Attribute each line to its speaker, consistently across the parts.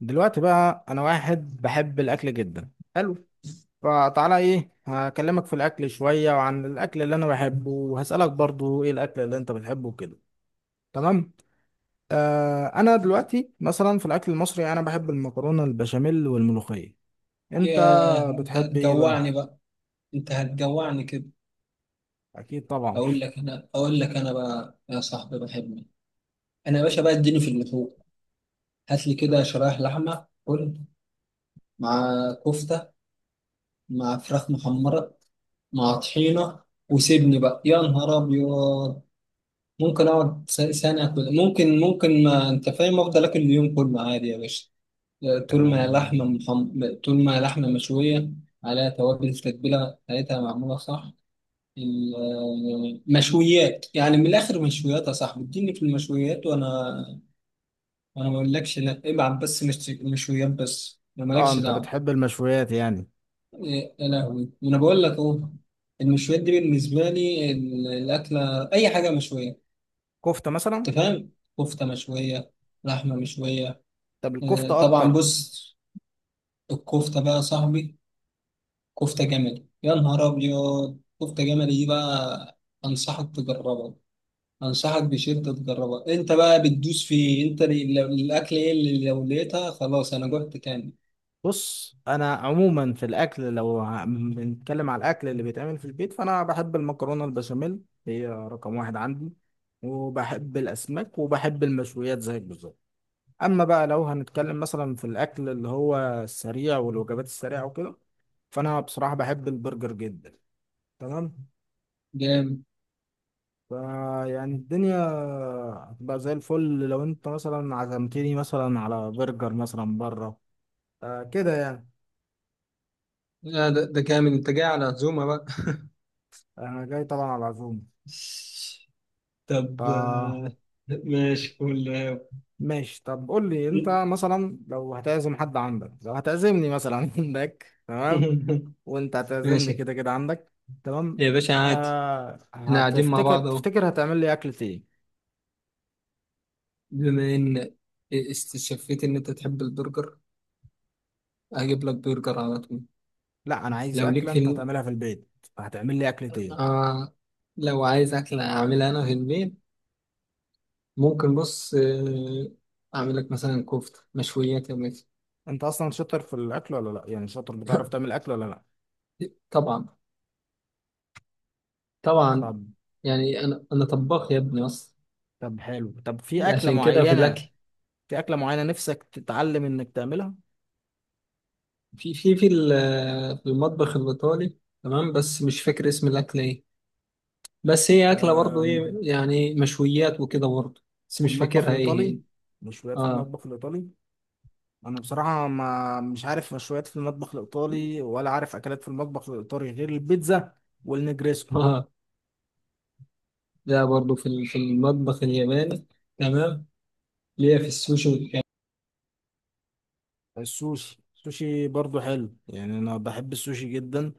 Speaker 1: دلوقتي بقى انا واحد بحب الاكل جدا. حلو. فتعالى ايه، هكلمك في الاكل شوية وعن الاكل اللي انا بحبه، وهسألك برضو ايه الاكل اللي انت بتحبه كده. تمام. آه، انا دلوقتي مثلا في الاكل المصري انا بحب المكرونة البشاميل والملوخية. انت
Speaker 2: ياه، انت
Speaker 1: بتحب ايه بقى؟
Speaker 2: هتجوعني بقى. انت هتجوعني كده.
Speaker 1: اكيد طبعا.
Speaker 2: اقول لك انا بقى يا صاحبي بحبك. انا يا باشا بقى اديني في اللحوم. هات لي كده شرايح لحمه كل، مع كفته، مع فراخ محمره، مع طحينه. وسيبني بقى يا نهار ابيض. ممكن اقعد سنه كده. ممكن، ما انت فاهم، افضل اكل اليوم كله عادي يا باشا. طول ما هي
Speaker 1: اه,
Speaker 2: طول ما هي لحمه مشويه، عليها توابل، تتبيله بتاعتها معموله صح. المشويات، يعني من الاخر مشويات يا صاحبي، اديني في المشويات. وانا ما اقولكش لا، ابعت بس مشويات بس، انا
Speaker 1: آه،
Speaker 2: مالكش
Speaker 1: انت
Speaker 2: دعوه.
Speaker 1: بتحب المشويات يعني.
Speaker 2: إيه، يا لهوي، ما انا بقول لك اهو. المشويات دي بالنسبه لي الاكله، اي حاجه مشويه،
Speaker 1: كفتة
Speaker 2: انت
Speaker 1: مثلا.
Speaker 2: فاهم. كفته مشويه، لحمه مشويه.
Speaker 1: طب
Speaker 2: إيه،
Speaker 1: الكفتة
Speaker 2: طبعا
Speaker 1: اكتر.
Speaker 2: بص. الكفته بقى يا صاحبي، كفته جملي يا نهار ابيض، كفته جملي دي بقى. انصحك تجربها، انصحك بشدة تجربها. انت بقى بتدوس في انت الاكل، ايه اللي لو لقيتها خلاص انا جوعت كامل.
Speaker 1: بص، انا عموما في الاكل لو بنتكلم على الاكل اللي بيتعمل في البيت، فانا بحب المكرونه البشاميل. هي رقم واحد عندي. وبحب الاسماك وبحب المشويات زيك بالظبط. اما بقى لو هنتكلم مثلا في الاكل اللي هو السريع والوجبات السريعه وكده، فانا بصراحه بحب البرجر جدا. تمام.
Speaker 2: جامد.
Speaker 1: فيعني الدنيا هتبقى زي الفل لو انت مثلا عزمتني مثلا على برجر مثلا بره. آه، كده يعني.
Speaker 2: آه ده كامل، انت جاي على عزومة بقى.
Speaker 1: انا جاي طبعا على العزومه.
Speaker 2: طب،
Speaker 1: ف
Speaker 2: ماشي قول.
Speaker 1: ماشي، طب قول لي انت مثلا لو هتعزم حد عندك، لو هتعزمني مثلا عندك. تمام. وانت هتعزمني
Speaker 2: ماشي
Speaker 1: كده كده عندك. تمام.
Speaker 2: يا باشا، عادي.
Speaker 1: آه،
Speaker 2: احنا قاعدين مع
Speaker 1: هتفتكر
Speaker 2: بعض اهو.
Speaker 1: تفتكر هتعمل لي اكلة ايه؟
Speaker 2: بما ان استشفيت ان انت تحب البرجر، هجيب لك برجر على طول.
Speaker 1: لا، انا عايز
Speaker 2: لو ليك
Speaker 1: اكلة
Speaker 2: في
Speaker 1: انت
Speaker 2: الم...
Speaker 1: هتعملها في البيت. هتعمل لي اكلة ايه؟
Speaker 2: آه، لو عايز اكلة اعملها انا في البيت، ممكن، بص، اعمل لك مثلا كفته، مشويات يا ميت.
Speaker 1: انت اصلا شاطر في الاكل ولا لا؟ يعني شاطر، بتعرف تعمل اكل ولا لا؟
Speaker 2: طبعا. طبعا.
Speaker 1: طب
Speaker 2: يعني، انا طباخ يا ابني اصلا،
Speaker 1: طب حلو، طب في اكلة
Speaker 2: عشان كده في الاكل.
Speaker 1: معينة، في اكلة معينة نفسك تتعلم انك تعملها.
Speaker 2: في في في ال- آه، في المطبخ الايطالي، تمام، بس مش فاكر اسم الاكله ايه. بس هي اكله برضه،
Speaker 1: آم،
Speaker 2: ايه، يعني مشويات وكده برضه. بس
Speaker 1: في
Speaker 2: مش
Speaker 1: المطبخ
Speaker 2: فاكرها ايه هي.
Speaker 1: الايطالي. مشويات في
Speaker 2: اه.
Speaker 1: المطبخ الايطالي. انا بصراحه ما مش عارف مشويات في المطبخ الايطالي، ولا عارف اكلات في المطبخ الايطالي غير البيتزا والنجريسكو.
Speaker 2: اه. ده برضه في في المطبخ الياباني، تمام، اللي هي في السوشي والكلام.
Speaker 1: السوشي السوشي برضو حلو، يعني انا بحب السوشي جدا.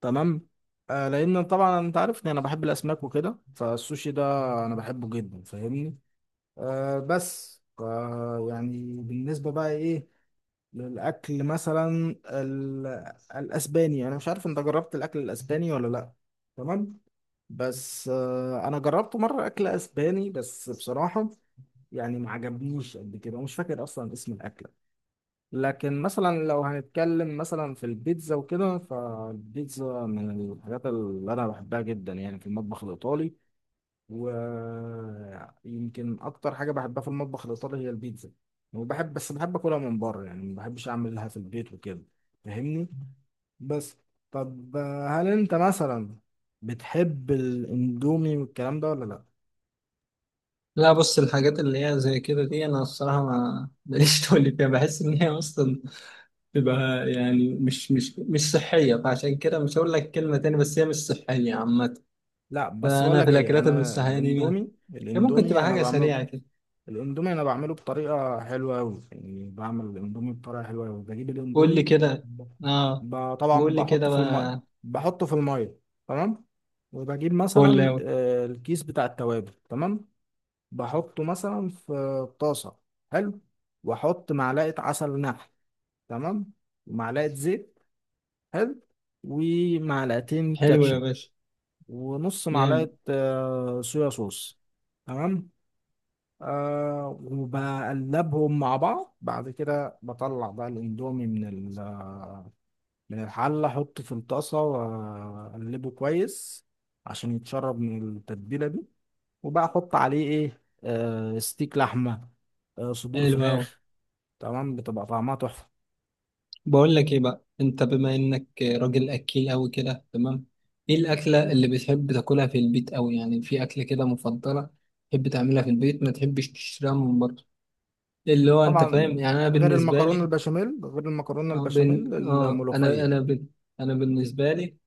Speaker 1: تمام. آه، لان طبعا انت عارفني انا بحب الاسماك وكده، فالسوشي ده انا بحبه جدا، فاهمني. آه بس يعني بالنسبه بقى ايه، للاكل مثلا الاسباني، انا مش عارف انت جربت الاكل الاسباني ولا لا. تمام. بس انا جربت مره اكل اسباني، بس بصراحه يعني ما عجبنيش قد كده، ومش فاكر اصلا اسم الاكله. لكن مثلا لو هنتكلم مثلا في البيتزا وكده، فالبيتزا من الحاجات اللي انا بحبها جدا، يعني في المطبخ الايطالي. ويمكن اكتر حاجه بحبها في المطبخ الايطالي هي البيتزا. وبحب، بس بحب اكلها من بره، يعني ما بحبش اعملها في البيت وكده، فاهمني. بس. طب هل انت مثلا بتحب الاندومي والكلام ده ولا لا؟
Speaker 2: لا، بص، الحاجات اللي هي زي كده دي، انا الصراحه ما ماليش تقول فيها. بحس ان هي اصلا بتبقى، يعني مش صحيه، فعشان كده مش هقول لك كلمه تاني، بس هي مش صحيه عامه.
Speaker 1: لا بس بقول
Speaker 2: فانا في
Speaker 1: لك ايه،
Speaker 2: الاكلات المش
Speaker 1: انا
Speaker 2: صحيه دي،
Speaker 1: الاندومي
Speaker 2: هي ممكن تبقى
Speaker 1: الاندومي انا
Speaker 2: حاجه
Speaker 1: بعمله.
Speaker 2: سريعه كده.
Speaker 1: الاندومي انا بعمله بطريقه حلوه قوي، يعني بعمل الاندومي بطريقه حلوه قوي، بجيب
Speaker 2: قول
Speaker 1: الاندومي
Speaker 2: لي كده. اه،
Speaker 1: طبعا
Speaker 2: بقول لي كده
Speaker 1: بحطه في الميه.
Speaker 2: بقى.
Speaker 1: بحطه في الميه. تمام. وبجيب
Speaker 2: فول
Speaker 1: مثلا
Speaker 2: أوي.
Speaker 1: الكيس بتاع التوابل. تمام. بحطه مثلا في طاسه. حلو. واحط معلقه عسل نحل. تمام. ومعلقه زيت. حلو. ومعلقتين
Speaker 2: حلو يا
Speaker 1: كاتشب.
Speaker 2: باشا.
Speaker 1: ونص معلقة
Speaker 2: جامد.
Speaker 1: صويا صوص. تمام. آه، وبقلبهم مع بعض. بعد كده بطلع بقى الاندومي من من الحلة، احطه في الطاسة واقلبه كويس عشان يتشرب من التتبيلة دي. وبقى احط عليه ايه، آه ستيك لحمة، آه صدور
Speaker 2: حلو أوي.
Speaker 1: فراخ. تمام، بتبقى طعمها تحفة.
Speaker 2: بقول لك ايه بقى، انت بما انك راجل اكيل قوي كده، تمام، ايه الاكله اللي بتحب تاكلها في البيت قوي؟ يعني في اكله كده مفضله تحب تعملها في البيت، ما تحبش تشتريها من بره، اللي هو انت فاهم
Speaker 1: طبعا.
Speaker 2: يعني. انا بالنسبه لي
Speaker 1: غير المكرونة
Speaker 2: اه,
Speaker 1: البشاميل
Speaker 2: بن... آه انا انا
Speaker 1: الملوخية.
Speaker 2: ب... انا بالنسبه لي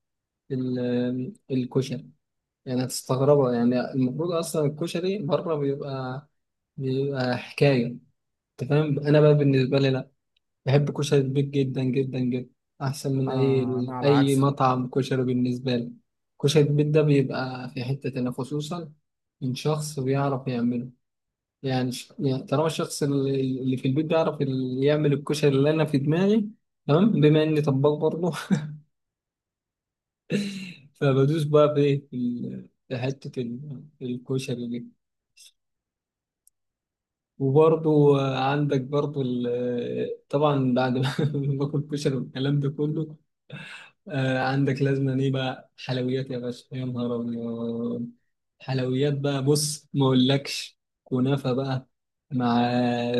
Speaker 2: الكشري. يعني هتستغربها، يعني المفروض اصلا الكشري بره بيبقى، بيبقى حكايه. انت فاهم. انا بقى بالنسبه لي لا، بحب كشري البيك جدا جدا جدا. أحسن من
Speaker 1: انا
Speaker 2: أي
Speaker 1: على
Speaker 2: أي
Speaker 1: عكس.
Speaker 2: مطعم كشري بالنسبة لي. كشري البيك ده بيبقى في حتة تانية، خصوصا من شخص بيعرف يعمله. يعني طالما الشخص اللي في البيت بيعرف يعمل الكشري اللي أنا في دماغي، تمام، بما إني طباخ برضه. فبدوس بقى في إيه؟ في في حتة الكشري دي. وبرضه عندك، برضه طبعا، بعد ما باكل كشري والكلام ده كله، آه عندك لازم ايه بقى؟ حلويات يا باشا يا نهار ابيض. حلويات بقى، بص، ما اقولكش كنافه بقى، مع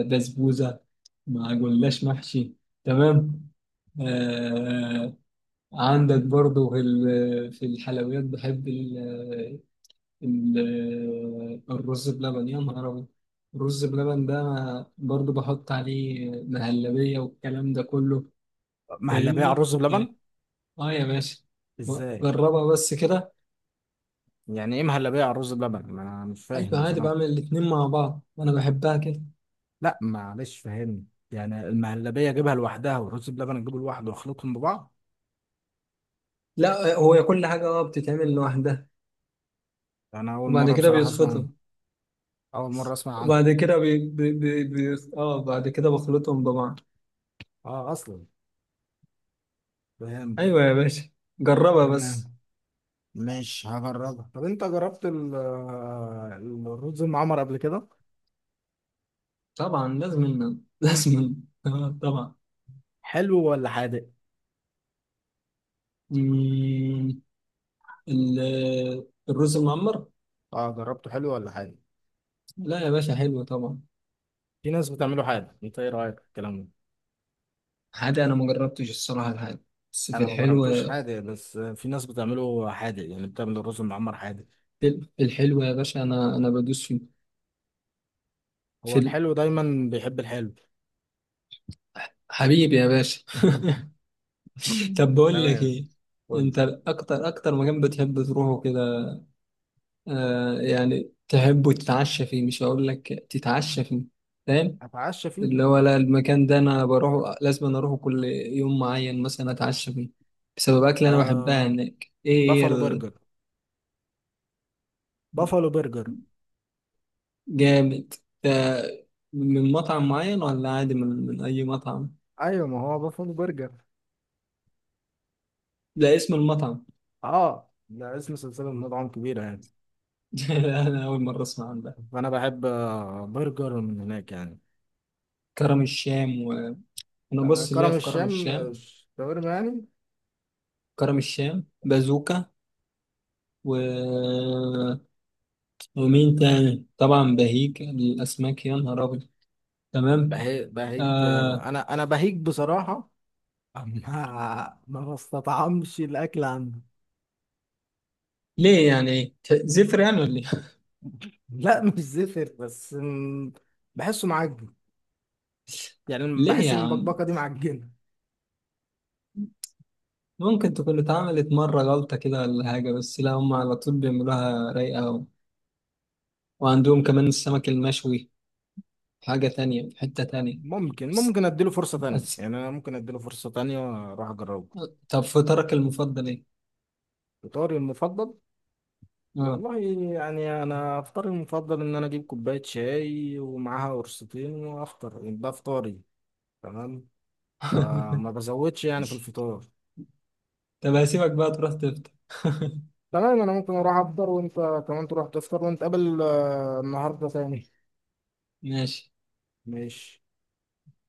Speaker 2: بسبوسه، مع جلاش محشي، تمام. آه، عندك برضو في في الحلويات، بحب ال ال الرز بلبن يا نهار ابيض. الرز بلبن ده برضو بحط عليه مهلبيه والكلام ده كله.
Speaker 1: مهلبيه على
Speaker 2: فاهمني؟
Speaker 1: الرز بلبن؟
Speaker 2: اه يا باشا،
Speaker 1: ازاي؟
Speaker 2: جربها بس كده.
Speaker 1: يعني ايه مهلبيه على الرز بلبن، ما انا مش
Speaker 2: ايوه،
Speaker 1: فاهم
Speaker 2: عادي،
Speaker 1: بصراحه.
Speaker 2: بعمل الاتنين مع بعض وانا بحبها كده.
Speaker 1: لا معلش، فهمني. يعني المهلبيه اجيبها لوحدها والرز بلبن اجيبه لوحده واخلطهم ببعض؟
Speaker 2: لا، هو كل حاجه اه بتتعمل لوحدها،
Speaker 1: يعني انا اول
Speaker 2: وبعد
Speaker 1: مره
Speaker 2: كده
Speaker 1: بصراحه اسمع عنه.
Speaker 2: بيتخطب،
Speaker 1: اول مره اسمع عنه.
Speaker 2: وبعد كده بي... بي... بي... بي... اه بعد كده بخلطهم ببعض.
Speaker 1: اه، اصلا فاهم.
Speaker 2: ايوه يا باشا، جربها
Speaker 1: تمام،
Speaker 2: بس.
Speaker 1: مش هجربها. طب انت جربت الرز المعمر قبل كده؟
Speaker 2: طبعا لازم. لازم. آه طبعا.
Speaker 1: حلو ولا حادق؟
Speaker 2: مم، ال... الرز المعمر.
Speaker 1: اه جربته. حلو ولا حادق؟
Speaker 2: لا يا باشا، حلو طبعا.
Speaker 1: في ناس بتعمله حادق، انت ايه رايك في الكلام ده؟
Speaker 2: حادق؟ انا ما جربتش الصراحه الحادق، بس في
Speaker 1: انا ما
Speaker 2: الحلو.
Speaker 1: جربتوش حادق، بس في ناس بتعمله حادق، يعني بتعمل الرز المعمر حادق.
Speaker 2: في الحلو يا باشا، انا بدوس فيه
Speaker 1: هو
Speaker 2: في.
Speaker 1: الحلو دايما بيحب الحلو.
Speaker 2: حبيبي يا باشا. طب بقول لك
Speaker 1: تمام.
Speaker 2: ايه.
Speaker 1: قول لي.
Speaker 2: انت اكتر مكان بتحب تروحه كده، آه يعني، تحبه تتعشى فيه، مش هقول لك تتعشى فيه، فاهم،
Speaker 1: اتعشى فيه.
Speaker 2: اللي هو لا، المكان ده انا بروحه، لازم أنا اروحه كل يوم معين مثلا اتعشى فيه، بسبب اكل انا بحبها
Speaker 1: آه،
Speaker 2: هناك، ايه هي؟
Speaker 1: بافالو برجر. بافالو برجر.
Speaker 2: الجامد ده من مطعم معين، ولا عادي من اي مطعم؟
Speaker 1: ايوه، ما هو بافالو برجر.
Speaker 2: لا، اسم المطعم.
Speaker 1: اه، ده اسم سلسله مطاعم كبيره يعني.
Speaker 2: لا، انا اول مره اسمع عن ده.
Speaker 1: فانا بحب برجر من هناك يعني.
Speaker 2: كرم الشام. وانا،
Speaker 1: آه
Speaker 2: بص ليا
Speaker 1: كرم
Speaker 2: في كرم
Speaker 1: الشام،
Speaker 2: الشام،
Speaker 1: شاورما يعني.
Speaker 2: كرم الشام بازوكا، و... ومين تاني، طبعا بهيج الاسماك يا نهار ابيض، تمام.
Speaker 1: بهيج
Speaker 2: آه.
Speaker 1: انا بهيج بصراحه. ما بستطعمش الاكل عنده.
Speaker 2: ليه يعني؟ زفر يعني ولا ايه؟
Speaker 1: لا، مش زفر، بس بحسه معجن، يعني
Speaker 2: ليه
Speaker 1: بحس
Speaker 2: يا
Speaker 1: ان
Speaker 2: عم؟
Speaker 1: البكبكه دي معجنه.
Speaker 2: ممكن تكون اتعملت مرة غلطة كده ولا حاجة، بس لا، هم على طول بيعملوها رايقة وعندهم كمان السمك المشوي، حاجة تانية في حتة تانية.
Speaker 1: ممكن
Speaker 2: بس...
Speaker 1: ممكن اديله فرصه تانية،
Speaker 2: بس...
Speaker 1: يعني انا ممكن اديله فرصه تانية، اروح اجربه.
Speaker 2: طب، فطرك المفضل ايه؟
Speaker 1: فطاري المفضل؟
Speaker 2: اه.
Speaker 1: والله، يعني انا افطاري المفضل ان انا اجيب كوبايه شاي ومعاها قرصتين وافطر، ده فطاري. تمام. فما بزودش يعني في الفطار.
Speaker 2: طب هسيبك بقى تروح تفطر.
Speaker 1: تمام، انا ممكن اروح افطر وانت كمان تروح تفطر ونتقابل النهارده تاني.
Speaker 2: ماشي.
Speaker 1: ماشي.